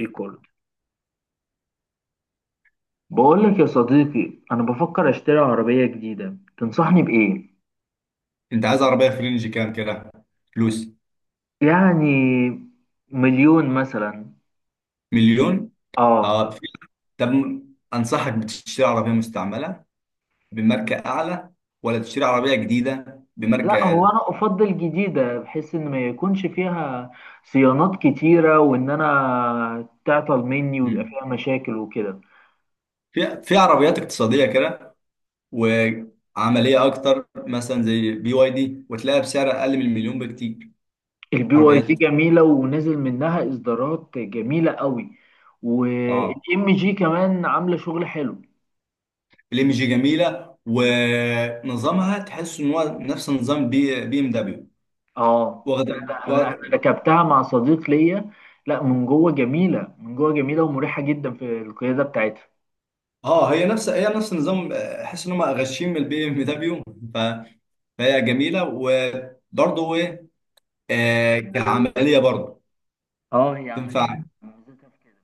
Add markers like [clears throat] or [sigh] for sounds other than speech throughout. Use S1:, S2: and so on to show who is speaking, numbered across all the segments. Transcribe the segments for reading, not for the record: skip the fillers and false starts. S1: ريكورد. بقول لك يا صديقي، انا بفكر اشتري عربية جديدة، تنصحني بإيه؟
S2: انت عايز عربيه في رينج كام كده فلوس؟
S1: يعني مليون مثلا.
S2: مليون؟
S1: اه،
S2: اه. في- طب انصحك بتشتري عربيه مستعمله بماركه اعلى، ولا تشتري عربيه جديده بماركه
S1: لا، هو
S2: اقل؟
S1: انا افضل جديدة بحيث ان ما يكونش فيها صيانات كتيرة، وان انا تعطل مني ويبقى
S2: مم.
S1: فيها مشاكل وكده.
S2: في عربيات اقتصاديه كده وعمليه اكتر، مثلا زي بي واي دي، وتلاقيها بسعر اقل من المليون بكتير.
S1: البي واي دي
S2: عربيات،
S1: جميلة ونزل منها اصدارات جميلة قوي.
S2: اه،
S1: والام جي كمان عاملة شغل حلو.
S2: الام جي جميله ونظامها تحس ان هو نفس نظام بي بي ام دبليو.
S1: اه فعلا، انا
S2: واخد،
S1: ركبتها مع صديق ليا. لا، من جوه جميله، من جوه جميله ومريحه جدا في القياده بتاعتها.
S2: اه، هي نفس النظام، احس ان هم غشيم البي ام دبليو، فهي جميله. وبرضه ايه، كعمليه برضه
S1: اه، هي عمليه،
S2: تنفع،
S1: ميزتها في كده.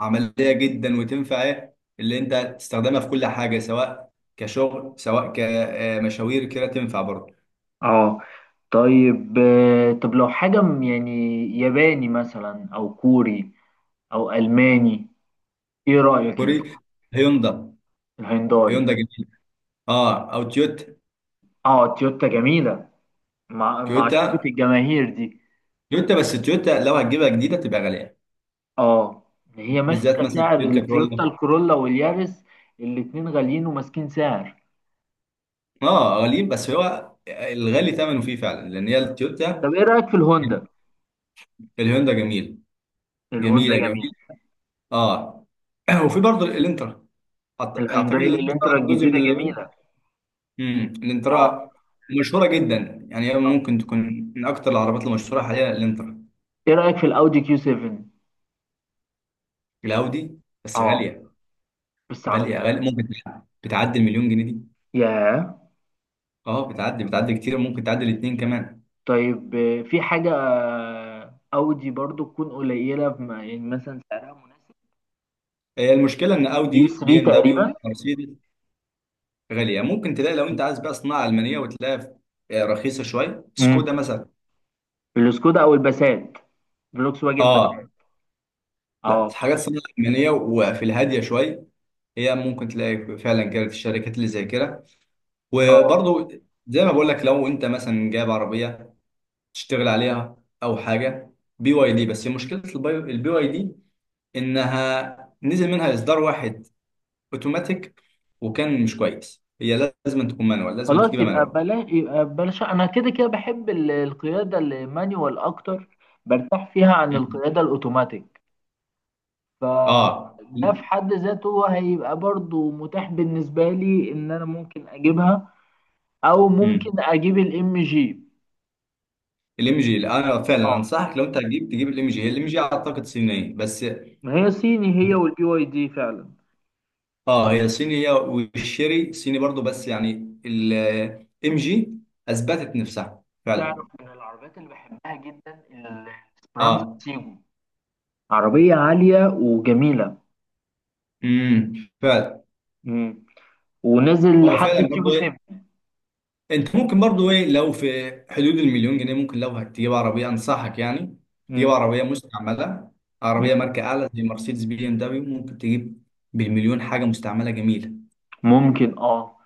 S2: عمليه جدا. وتنفع ايه اللي انت تستخدمها في كل حاجه، سواء كشغل سواء كمشاوير كده تنفع برضه.
S1: اه، طيب، طب لو حاجه يعني ياباني مثلا، او كوري، او الماني، ايه رايك انت؟
S2: كوري؟ هيوندا.
S1: الهيونداي.
S2: هيوندا جميله، اه، او تويوتا.
S1: اه، تويوتا جميله، مع معشوقه
S2: تويوتا
S1: الجماهير دي.
S2: تويوتا بس تويوتا لو هتجيبها جديده تبقى غاليه،
S1: اه، هي
S2: بالذات
S1: ماسكه
S2: مثلا
S1: سعر،
S2: تويوتا
S1: التويوتا
S2: كرولا.
S1: الكورولا واليارس الاتنين غاليين وماسكين سعر.
S2: اه غاليين، بس هو الغالي ثمنه فيه فعلا، لان هي التويوتا.
S1: طب ايه رايك في الهوندا؟
S2: الهوندا جميل،
S1: الهوندا
S2: جميله
S1: جميل.
S2: جميل اه. [clears throat] وفي برضه الانترا. اعتقد ان
S1: الهيونداي
S2: الانترا
S1: الانترا
S2: جزء من
S1: الجديده
S2: اليابان.
S1: جميله. اه.
S2: الانترا مشهوره جدا، يعني هي
S1: اه،
S2: ممكن تكون من اكتر العربيات المشهوره حاليا، الانترا.
S1: ايه رايك في الاودي كيو 7؟
S2: الاودي بس
S1: اه،
S2: غاليه.
S1: بس
S2: غاليه
S1: عربيه
S2: غاليه
S1: حلوه.
S2: ممكن بتعدي المليون جنيه دي.
S1: ياه.
S2: اه بتعدي كتير، ممكن تعدي الاثنين كمان.
S1: طيب، في حاجه اودي برضو تكون قليله يعني مثلا سعرها مناسب.
S2: هي المشكله ان
S1: يو
S2: اودي بي
S1: 3
S2: ام
S1: تقريبا.
S2: دبليو مرسيدس غاليه. ممكن تلاقي لو انت عايز بقى صناعه المانيه، وتلاقيها رخيصه شويه،
S1: امم
S2: سكودا مثلا.
S1: السكودا او الباسات، فولكس واجن
S2: اه،
S1: باسات.
S2: لا
S1: اه.
S2: الحاجات الصينية الألمانية وفي الهادية شوية، هي ممكن تلاقي فعلا كده في الشركات اللي زي كده.
S1: اه.
S2: وبرضو زي ما بقول لك، لو أنت مثلا جايب عربية تشتغل عليها، أو حاجة بي واي دي. بس مشكلة البي واي دي إنها نزل منها إصدار واحد أوتوماتيك، وكان مش كويس. هي لازم تكون مانوال، لازم
S1: خلاص،
S2: تجيبها
S1: يبقى
S2: مانوال.
S1: بلاش يبقى بلاش، انا كده كده بحب القياده المانيوال اكتر. برتاح فيها عن
S2: مم.
S1: القياده الاوتوماتيك.
S2: آه
S1: فده في حد ذاته هيبقى برضو متاح بالنسبة لي، ان انا ممكن اجيبها، او ممكن اجيب الام جي.
S2: الام جي، انا فعلا
S1: اه،
S2: انصحك لو انت هتجيب تجيب الام جي. هي الام جي اعتقد صينيه، بس
S1: ما هي صيني، هي والبي واي دي فعلا.
S2: اه. هي صينية والشيري صيني برضو، بس يعني الام جي اثبتت نفسها فعلا.
S1: تعرف من العربيات اللي بحبها جدا، الاسبرانزا
S2: اه.
S1: تيجو، عربية عالية وجميلة.
S2: امم فعلا.
S1: مم. ونزل
S2: هو
S1: لحد
S2: فعلا
S1: تيجو
S2: برضو
S1: سيب.
S2: ايه، انت ممكن برضو ايه، لو في حدود المليون جنيه ممكن، لو هتجيب عربية انصحك يعني تجيب
S1: مم.
S2: عربية مستعملة،
S1: مم.
S2: عربية ماركة اعلى زي مرسيدس بي ام دبليو، ممكن تجيب بالمليون حاجة مستعملة جميلة.
S1: ممكن. اه.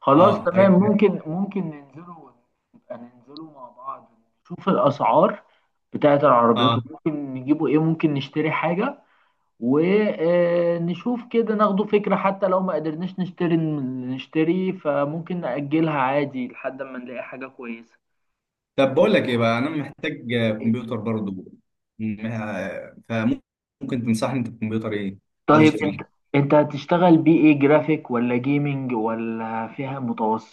S1: خلاص
S2: اه
S1: تمام، ممكن نبقى ننزلوا مع بعض، نشوف الأسعار بتاعت العربيات،
S2: اه.
S1: وممكن نجيبوا إيه، ممكن نشتري حاجة ونشوف كده، ناخدوا فكرة. حتى لو ما قدرناش نشتري، فممكن نأجلها عادي لحد ما نلاقي حاجة كويسة.
S2: طب بقول لك ايه بقى، انا محتاج كمبيوتر برضه. فممكن تنصحني انت بكمبيوتر ايه عايز
S1: طيب انت
S2: اشتريه؟
S1: انت هتشتغل بيه ايه؟ جرافيك ولا جيمنج؟ ولا فيها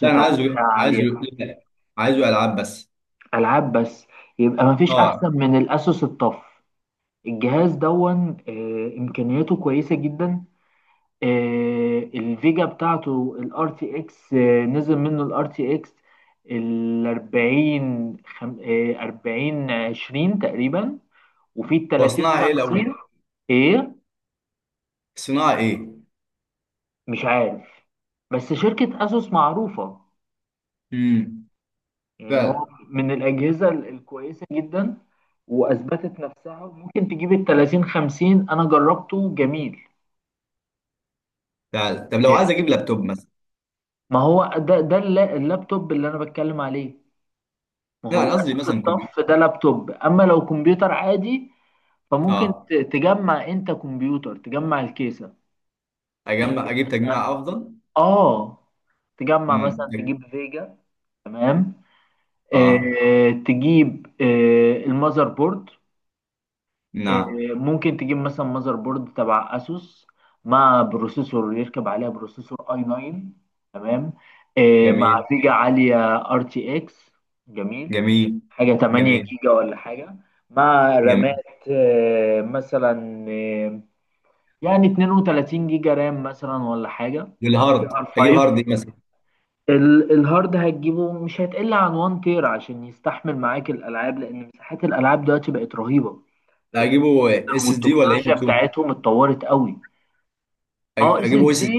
S2: لا انا عايزه
S1: ولا فيها
S2: إيه؟ عايزه
S1: عالية؟
S2: لا، عايزه العاب بس.
S1: ألعاب بس. يبقى مفيش أحسن
S2: اه.
S1: من الأسوس الطف. الجهاز دون، امكانياته كويسه جدا. الفيجا بتاعته الار تي اكس. نزل منه الار تي اكس ال 40، 40 20 تقريبا، وفي ال 30
S2: واصنعها ايه الاول؟
S1: 50. ايه؟
S2: صناعه ايه؟
S1: مش عارف، بس شركه اسوس معروفه.
S2: امم
S1: يعني هو
S2: فعلا،
S1: من الاجهزه الكويسه جدا، واثبتت نفسها، وممكن تجيب ال 30 50، انا جربته جميل.
S2: فعلا. طب لو عايز
S1: آه،
S2: اجيب لابتوب مثلا؟
S1: ما هو ده اللابتوب اللي انا بتكلم عليه. ما هو
S2: لا انا قصدي
S1: الاساس
S2: مثلا
S1: الطف
S2: كمبيوتر.
S1: ده لابتوب. اما لو كمبيوتر عادي، فممكن
S2: اه،
S1: تجمع انت كمبيوتر، تجمع الكيسة. ممكن
S2: اجمع، اجيب
S1: مثلا.
S2: تجميع افضل.
S1: اه، تجمع
S2: امم.
S1: مثلا، تجيب فيجا. تمام.
S2: اه.
S1: تجيب المذر بورد. آه،
S2: نعم.
S1: ممكن تجيب مثلا ماذر بورد تبع اسوس، مع بروسيسور، يركب عليها بروسيسور اي 9. تمام. مع
S2: جميل.
S1: فيجا عاليه ار تي اكس. جميل.
S2: جميل.
S1: حاجه 8
S2: جميل.
S1: جيجا ولا حاجه. مع
S2: جميل.
S1: رامات، آه، مثلا آه، يعني 32 جيجا رام مثلا، ولا حاجه جي
S2: والهارد
S1: ار
S2: اجيب
S1: 5.
S2: هارد ايه مثلا؟
S1: الهارد هتجيبه مش هتقل عن 1 تير، عشان يستحمل معاك الالعاب، لان مساحات الالعاب دلوقتي بقت رهيبه،
S2: اجيبه اس اس دي ولا ام
S1: والتكنولوجيا
S2: 2؟
S1: بتاعتهم اتطورت قوي. اه، اس
S2: اجيب
S1: اس
S2: ويس؟
S1: دي.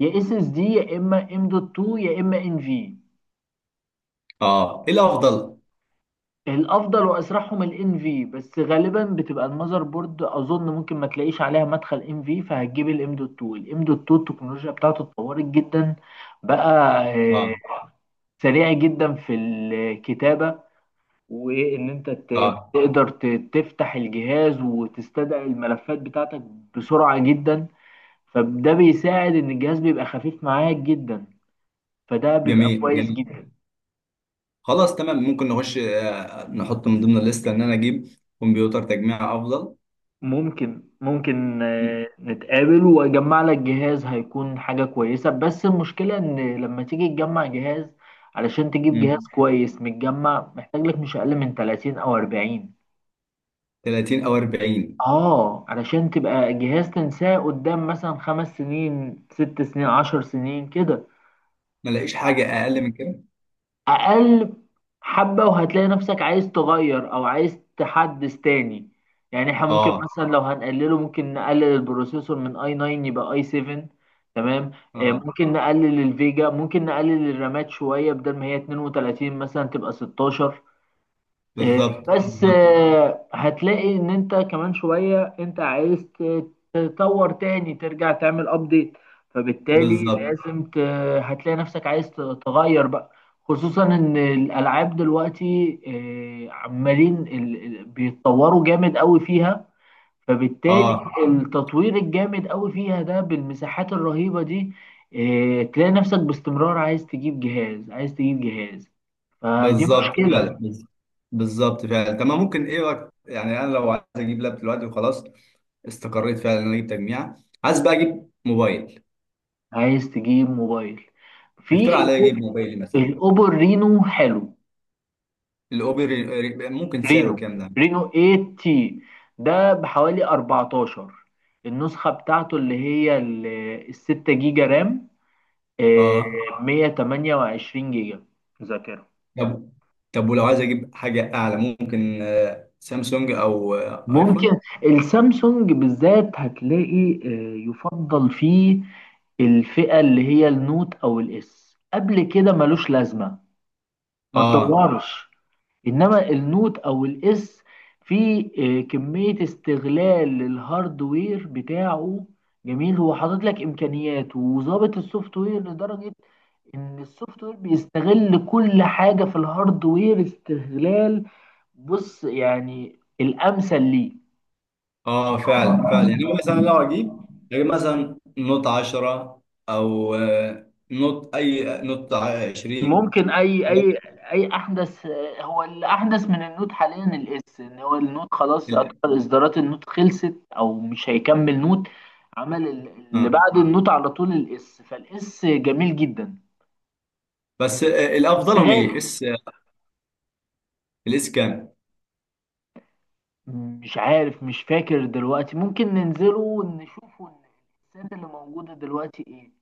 S1: يا اس اس دي، يا اما ام دوت 2، يا اما ان في.
S2: اه. ايه الافضل؟
S1: الافضل واسرعهم الان في، بس غالبا بتبقى المذر بورد، اظن ممكن ما تلاقيش عليها مدخل ان في، فهتجيب الام دوت 2. الام دوت 2 التكنولوجيا بتاعته اتطورت جدا بقى.
S2: اه.
S1: سريع جدا في الكتابه، وان انت
S2: اه
S1: تقدر تفتح الجهاز وتستدعي الملفات بتاعتك بسرعه جدا. فده بيساعد ان الجهاز بيبقى خفيف معاك جدا. فده بيبقى
S2: جميل.
S1: كويس
S2: جميل.
S1: جدا.
S2: خلاص تمام، ممكن نخش، نحط من ضمن الليسته ان انا اجيب كمبيوتر تجميع افضل.
S1: ممكن
S2: م-
S1: نتقابل واجمع لك جهاز، هيكون حاجة كويسة. بس المشكلة ان لما تيجي تجمع جهاز، علشان تجيب جهاز
S2: م.
S1: كويس متجمع، محتاج لك مش اقل من 30 او 40.
S2: 30 او 40؟
S1: اه، علشان تبقى جهاز تنساه قدام مثلا 5 سنين، 6 سنين، 10 سنين كده.
S2: ما الاقيش حاجه اقل من كده؟
S1: اقل حبة وهتلاقي نفسك عايز تغير، او عايز تحدث تاني. يعني احنا ممكن
S2: اه.
S1: مثلا، لو هنقلله، ممكن نقلل البروسيسور من اي 9 يبقى اي 7. تمام.
S2: اه.
S1: ممكن نقلل الفيجا، ممكن نقلل الرامات شوية، بدل ما هي 32 مثلا تبقى 16. آه،
S2: بالظبط،
S1: بس
S2: بالظبط.
S1: هتلاقي ان انت كمان شوية انت عايز تطور تاني، ترجع تعمل ابديت، فبالتالي
S2: بالظبط.
S1: لازم هتلاقي نفسك عايز تغير بقى، خصوصا ان الالعاب دلوقتي عمالين بيتطوروا جامد قوي فيها. فبالتالي
S2: اه.
S1: التطوير الجامد قوي فيها ده، بالمساحات الرهيبة دي، تلاقي نفسك باستمرار عايز تجيب جهاز، عايز تجيب جهاز. فدي
S2: بالظبط فعلا.
S1: مشكلة.
S2: بالظبط فعلا تمام. ممكن ايه وقت يعني؟ انا لو عايز اجيب لاب دلوقتي وخلاص، استقريت فعلا ان انا اجيب تجميع. عايز بقى اجيب موبايل.
S1: عايز تجيب موبايل. في
S2: يفترض عليا اجيب
S1: الأوب-
S2: موبايلي مثلا.
S1: الاوبو رينو حلو.
S2: الاوبر، ممكن سعره
S1: رينو
S2: كام ده؟
S1: رينو 8 تي، ده بحوالي 14. النسخة بتاعته اللي هي الستة جيجا رام، آه،
S2: اه.
S1: 128 جيجا ذاكرة.
S2: طب، طب ولو عايز اجيب حاجه اعلى؟ ممكن سامسونج او
S1: ممكن.
S2: ايفون.
S1: السامسونج بالذات هتلاقي، يفضل فيه الفئة اللي هي النوت أو الإس. قبل كده ملوش لازمة، ما
S2: اه.
S1: تدورش. انما النوت او الاس، في كمية استغلال للهاردوير بتاعه جميل، هو حاطط لك امكانيات وظابط السوفت وير لدرجة ان السوفت وير بيستغل كل حاجة في الهاردوير استغلال. بص يعني الامثل ليه.
S2: اه فعلا، فعلا. يعني مثلا لو اجيب، اجيب مثلا نوت 10، او نوت اي نوت 20،
S1: ممكن. اي
S2: ولا-
S1: اي اي احدث. هو الاحدث من النوت حاليا الاس، ان هو النوت خلاص
S2: ال-
S1: يعتبر اصدارات النوت خلصت، او مش هيكمل نوت. عمل اللي
S2: اه.
S1: بعده النوت على طول الاس. فالاس جميل جدا،
S2: بس
S1: بس
S2: الافضلهم ايه؟
S1: غالي.
S2: اس الاس كام؟
S1: مش عارف، مش فاكر دلوقتي. ممكن ننزله ونشوفه الاسات اللي موجودة دلوقتي ايه،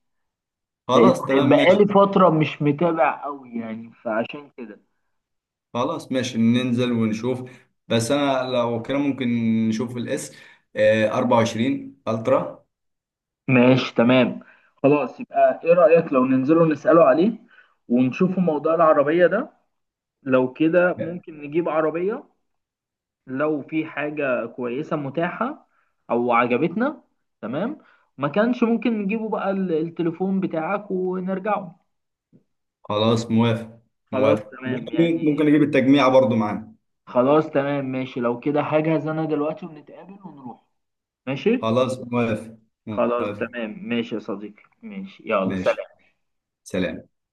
S2: خلاص
S1: لان
S2: تمام ماشي.
S1: بقالي فترة مش متابع قوي يعني فعشان كده.
S2: خلاص، ماشي ننزل ونشوف. بس انا لو كده ممكن نشوف الاس آه 24 الترا.
S1: ماشي، تمام. خلاص، يبقى ايه رأيك لو ننزله نسأله عليه، ونشوفه موضوع العربية ده؟ لو كده ممكن نجيب عربية، لو في حاجة كويسة متاحة او عجبتنا. تمام. ما كانش ممكن نجيبه بقى التليفون بتاعك ونرجعه.
S2: خلاص موافق.
S1: خلاص
S2: موافق.
S1: تمام
S2: ممكن،
S1: يعني.
S2: ممكن اجيب التجميع برضو معانا.
S1: خلاص تمام ماشي، لو كده هجهز انا دلوقتي ونتقابل ونروح. ماشي.
S2: خلاص موافق.
S1: خلاص
S2: موافق.
S1: تمام ماشي يا صديقي، ماشي، يلا
S2: ماشي.
S1: سلام.
S2: سلام.